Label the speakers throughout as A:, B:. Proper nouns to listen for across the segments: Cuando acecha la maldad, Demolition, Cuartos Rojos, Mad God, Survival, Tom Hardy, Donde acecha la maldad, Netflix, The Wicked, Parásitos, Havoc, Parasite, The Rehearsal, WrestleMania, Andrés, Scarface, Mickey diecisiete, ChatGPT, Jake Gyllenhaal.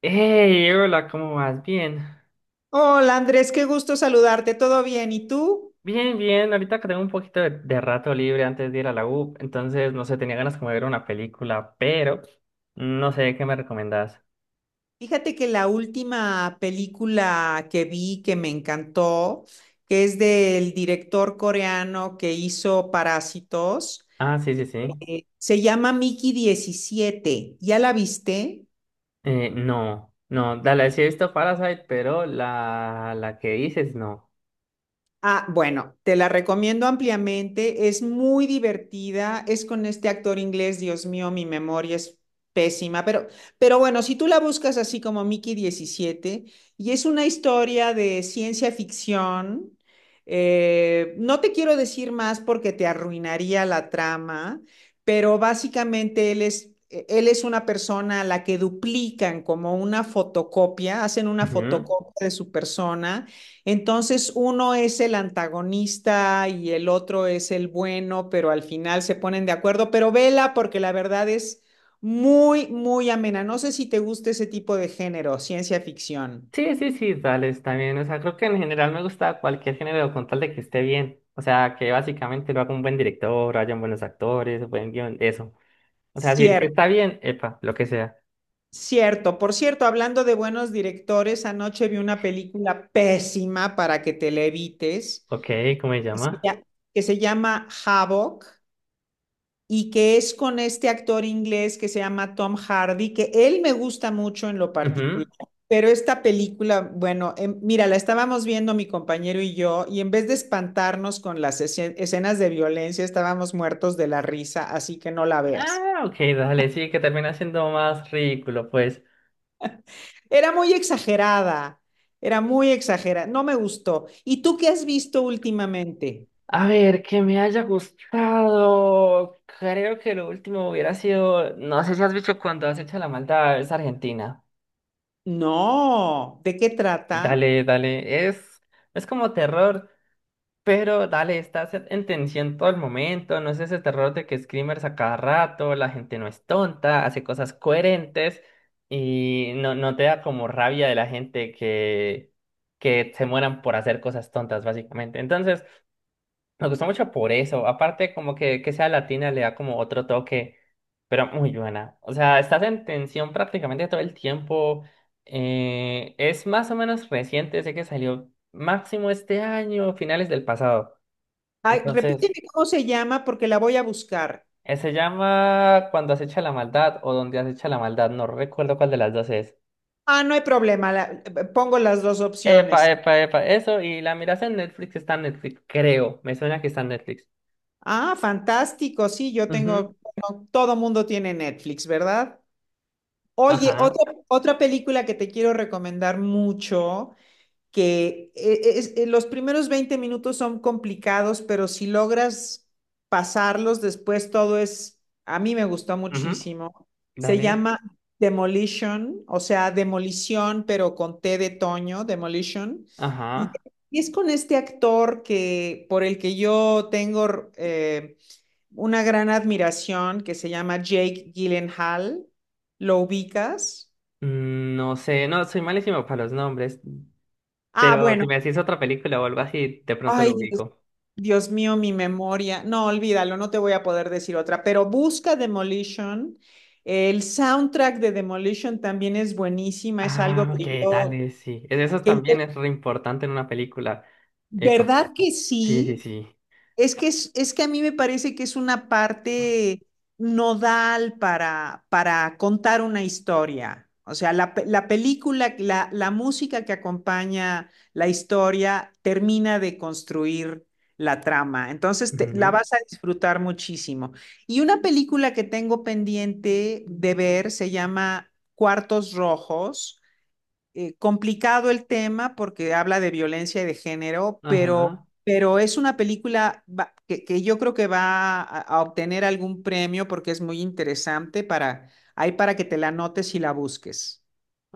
A: Hey, hola, ¿cómo vas? Bien.
B: Hola Andrés, qué gusto saludarte, ¿todo bien? ¿Y tú?
A: Bien, bien. Ahorita que tengo un poquito de rato libre antes de ir a la U, entonces no sé, tenía ganas como de ver una película, pero no sé qué me recomendás.
B: Fíjate que la última película que vi que me encantó, que es del director coreano que hizo Parásitos,
A: Ah, sí, sí, sí.
B: se llama Mickey 17. ¿Ya la viste?
A: No, no, dale, sí he visto Parasite, pero la que dices no.
B: Ah, bueno, te la recomiendo ampliamente, es muy divertida, es con este actor inglés, Dios mío, mi memoria es pésima, pero bueno, si tú la buscas así como Mickey 17 y es una historia de ciencia ficción, no te quiero decir más porque te arruinaría la trama, pero básicamente Él es una persona a la que duplican como una fotocopia, hacen una
A: Ujú.
B: fotocopia de su persona. Entonces uno es el antagonista y el otro es el bueno, pero al final se ponen de acuerdo. Pero vela porque la verdad es muy, muy amena. No sé si te gusta ese tipo de género, ciencia ficción.
A: Sí, sí, sí, dale, está bien. O sea, creo que en general me gusta cualquier género con tal de que esté bien. O sea, que básicamente lo haga un buen director, hayan buenos actores, buen guión, eso. O sea, si
B: Cierto,
A: está bien, epa, lo que sea.
B: cierto. Por cierto, hablando de buenos directores, anoche vi una película pésima para que te la evites,
A: Ok, ¿cómo se
B: que se
A: llama?
B: lla- que se llama Havoc. Y que es con este actor inglés que se llama Tom Hardy, que él me gusta mucho en lo particular.
A: Ujú.
B: Pero esta película, bueno, mira, la estábamos viendo mi compañero y yo, y en vez de espantarnos con las escenas de violencia, estábamos muertos de la risa, así que no la veas.
A: Ah, ok, dale, sí, que termina siendo más ridículo, pues.
B: Era muy exagerada, era muy exagerada, no me gustó. ¿Y tú qué has visto últimamente?
A: A ver, que me haya gustado. Creo que lo último hubiera sido. No sé si has visto Cuando has hecho la maldad, es Argentina.
B: No, ¿de qué trata?
A: Dale, dale, es como terror. Pero dale, estás en tensión todo el momento, no es ese terror de que screamers a cada rato, la gente no es tonta, hace cosas coherentes y no, no te da como rabia de la gente que se mueran por hacer cosas tontas, básicamente. Entonces, me gustó mucho por eso. Aparte, como que sea latina le da como otro toque, pero muy buena. O sea, estás en tensión prácticamente todo el tiempo. Es más o menos reciente, sé que salió máximo este año, finales del pasado.
B: Ay,
A: Entonces,
B: repíteme cómo se llama porque la voy a buscar.
A: se llama Cuando acecha la maldad o Donde acecha la maldad. No recuerdo cuál de las dos es.
B: Ah, no hay problema. Pongo las dos
A: Epa,
B: opciones.
A: epa, epa. Eso, y la miras en Netflix, está en Netflix, creo. Me suena que está en Netflix.
B: Ah, fantástico. Sí, yo
A: Ujú.
B: tengo, bueno, todo mundo tiene Netflix, ¿verdad? Oye,
A: Ajá.
B: otra película que te quiero recomendar mucho, los primeros 20 minutos son complicados, pero si logras pasarlos, después todo es, a mí me gustó
A: Ujú.
B: muchísimo. Se
A: Dale.
B: llama Demolition, o sea, demolición, pero con T de Toño, Demolition. Y,
A: Ajá.
B: y es con este actor que, por el que yo tengo una gran admiración, que se llama Jake Gyllenhaal. ¿Lo ubicas?
A: Mm, no sé, no, soy malísimo para los nombres.
B: Ah,
A: Pero si
B: bueno.
A: me decís otra película o algo así, de pronto
B: Ay,
A: lo
B: Dios
A: ubico.
B: Dios mío, mi memoria. No, olvídalo, no te voy a poder decir otra, pero busca Demolition. El soundtrack de Demolition también es buenísima, es algo
A: Ah, ok,
B: que yo,
A: dale, sí. Es eso
B: que-
A: también es re importante en una película. Epa.
B: ¿verdad que
A: Sí, sí,
B: sí?
A: sí.
B: Es que a mí me parece que es una parte nodal para contar una historia. O sea, la película, la música que acompaña la historia termina de construir la trama. Entonces, la
A: Ujú.
B: vas a disfrutar muchísimo. Y una película que tengo pendiente de ver se llama Cuartos Rojos, complicado el tema porque habla de violencia y de género,
A: Ajá.
B: pero es una película va- que yo creo que va a obtener algún premio porque es muy interesante para, hay para que te la notes y la busques.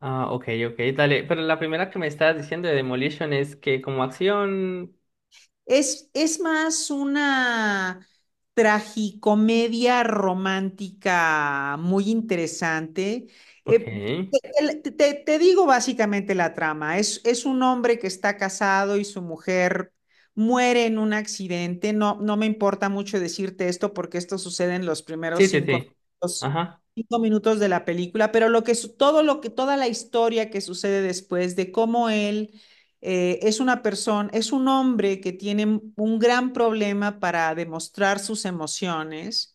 A: Ah, ok, ok, dale. Pero la primera que me estabas diciendo de Demolition es que como acción.
B: Es más una tragicomedia romántica muy interesante.
A: Ok.
B: Eh, te digo básicamente la trama. Es un hombre que está casado y su mujer muere en un accidente. No, no me importa mucho decirte esto porque esto sucede en los primeros
A: Sí, sí, sí.
B: minutos,
A: Ajá.
B: cinco minutos de la película, pero lo que, su- todo lo que, toda la historia que sucede después de cómo él, es un hombre que tiene un gran problema para demostrar sus emociones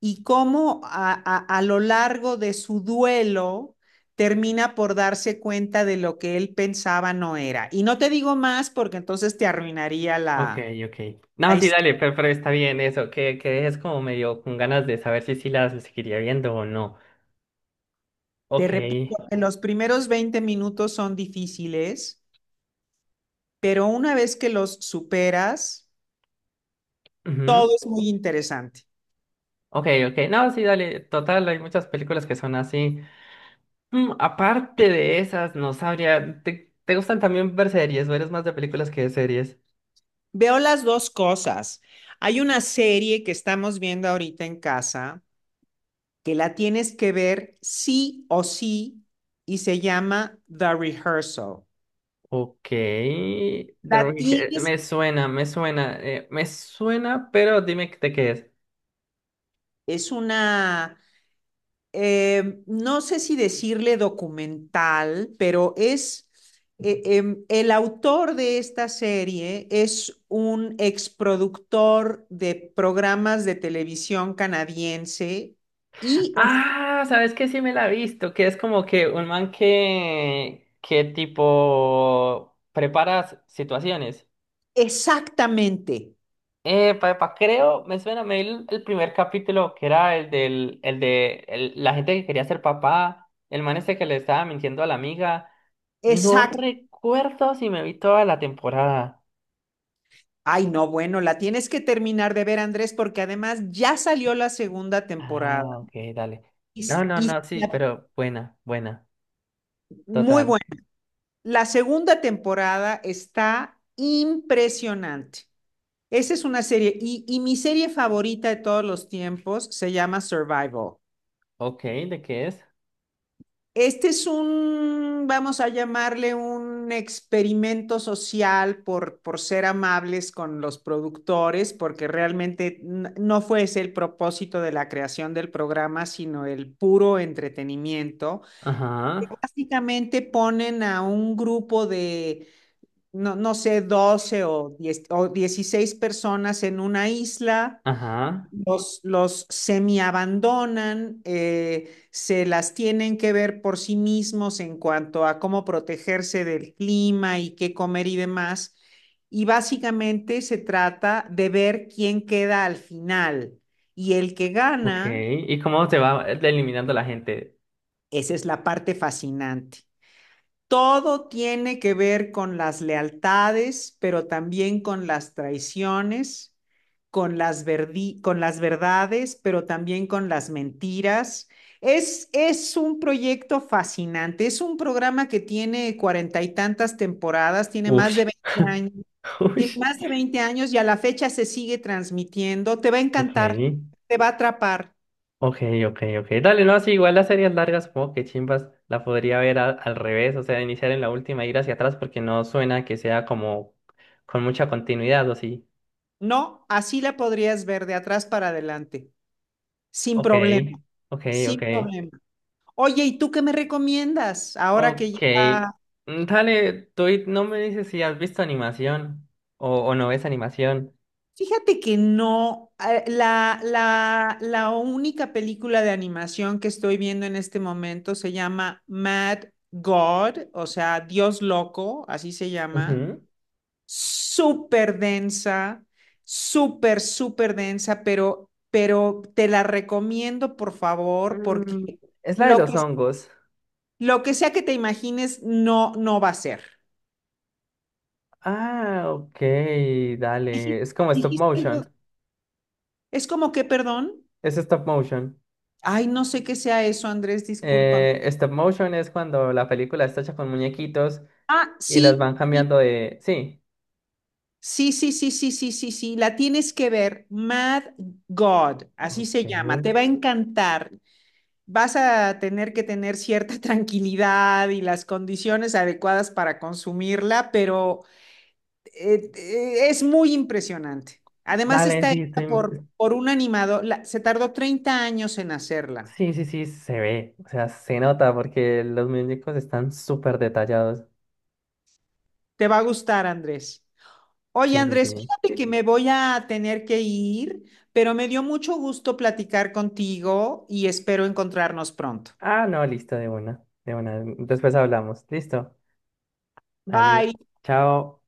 B: y cómo a lo largo de su duelo termina por darse cuenta de lo que él pensaba no era. Y no te digo más porque entonces te arruinaría
A: Ok,
B: la,
A: ok.
B: la
A: No, sí,
B: historia.
A: dale, pero está bien eso. Que dejes como medio con ganas de saber si sí las seguiría viendo o no.
B: Te
A: Ok.
B: repito, que los primeros 20 minutos son difíciles, pero una vez que los superas,
A: Ujú.
B: todo es muy interesante.
A: Ok, ok. No, sí, dale. Total, hay muchas películas que son así. Mm, aparte de esas, no sabría. Te gustan también ver series o eres más de películas que de series?
B: Veo las dos cosas. Hay una serie que estamos viendo ahorita en casa que la tienes que ver sí o sí y se llama The Rehearsal.
A: Ok, The
B: La
A: Wicked,
B: tienes,
A: me suena, me suena, me suena, pero dime de qué es.
B: es una, no sé si decirle documental, pero eh, eh, el autor de esta serie es un exproductor de programas de televisión canadiense y es-
A: Ah, ¿sabes qué? Sí me la he visto, que es como que un man que tipo prepara situaciones.
B: exactamente.
A: Papá, creo, me suena, me vi el primer capítulo que era el del, la gente que quería ser papá, el man este que le estaba mintiendo a la amiga. No
B: Exacto.
A: recuerdo si me vi toda la temporada.
B: Ay, no, bueno, la tienes que terminar de ver, Andrés, porque además ya salió la segunda temporada.
A: Ah, ok, dale.
B: Y,
A: No,
B: s-
A: no,
B: y
A: no, sí,
B: la-
A: pero buena, buena.
B: muy
A: Total.
B: buena. La segunda temporada está impresionante. Esa es una serie. Y mi serie favorita de todos los tiempos se llama Survival.
A: Ok, ¿de qué es?
B: Este es vamos a llamarle un experimento social por ser amables con los productores, porque realmente no fue ese el propósito de la creación del programa, sino el puro entretenimiento.
A: Ajá,
B: Básicamente ponen a un grupo de, no, no sé, 12 o, 10 o 16 personas en una isla.
A: ajá,
B: Los semi-abandonan, se las tienen que ver por sí mismos en cuanto a cómo protegerse del clima y qué comer y demás. Y básicamente se trata de ver quién queda al final. Y el que
A: ok.
B: gana,
A: ¿Y cómo se va eliminando la gente?
B: esa es la parte fascinante. Todo tiene que ver con las lealtades, pero también con las traiciones, con las verdades, pero también con las mentiras. Es un proyecto fascinante, es un programa que tiene cuarenta y tantas temporadas, tiene más
A: Ush.
B: de 20 años, tiene
A: Ush.
B: más de 20 años y a la fecha se sigue transmitiendo. Te va a
A: Ok,
B: encantar, te va a atrapar.
A: ok, ok, ok. Dale, no, sí, igual las series largas, como que chimbas, la podría ver al revés, o sea, iniciar en la última y ir hacia atrás porque no suena que sea como con mucha continuidad, ¿o sí?
B: No, así la podrías ver de atrás para adelante, sin
A: Ok,
B: problema,
A: ok, ok.
B: sin problema. Oye, ¿y tú qué me recomiendas? Ahora
A: Ok.
B: que ya...
A: Mm, dale, tú no me dices si has visto animación o no ves animación.
B: Fíjate que no, la única película de animación que estoy viendo en este momento se llama Mad God, o sea, Dios loco, así se llama.
A: Ujú.
B: Súper densa, súper, súper densa, pero te la recomiendo, por favor,
A: Mm,
B: porque
A: es la de
B: lo que,
A: los hongos.
B: lo que sea que te imagines no, no va a ser.
A: Ah, ok, dale.
B: Dijiste,
A: Es como stop
B: dijiste algo.
A: motion.
B: Es como que, perdón,
A: Es stop motion.
B: ay, no sé qué sea eso, Andrés, discúlpame.
A: Stop motion es cuando la película está hecha con muñequitos
B: Ah,
A: y los
B: sí,
A: van
B: sí,
A: cambiando de... Sí.
B: sí, sí, sí, sí, sí, sí, sí, la tienes que ver, Mad God, así
A: Ok.
B: se llama, te va a encantar. Vas a tener que tener cierta tranquilidad y las condiciones adecuadas para consumirla, pero es muy impresionante. Además
A: Dale,
B: está
A: sí,
B: hecha
A: estoy...
B: por un animador, se tardó 30 años en hacerla.
A: Sí, sí, sí, se ve. O sea, se nota porque los muñecos están súper detallados.
B: Te va a gustar, Andrés. Oye,
A: Sí, sí,
B: Andrés,
A: sí.
B: fíjate que me voy a tener que ir, pero me dio mucho gusto platicar contigo y espero encontrarnos pronto.
A: Ah, no, listo, de una, de una. Después hablamos. Listo. Dale.
B: Bye.
A: Chao.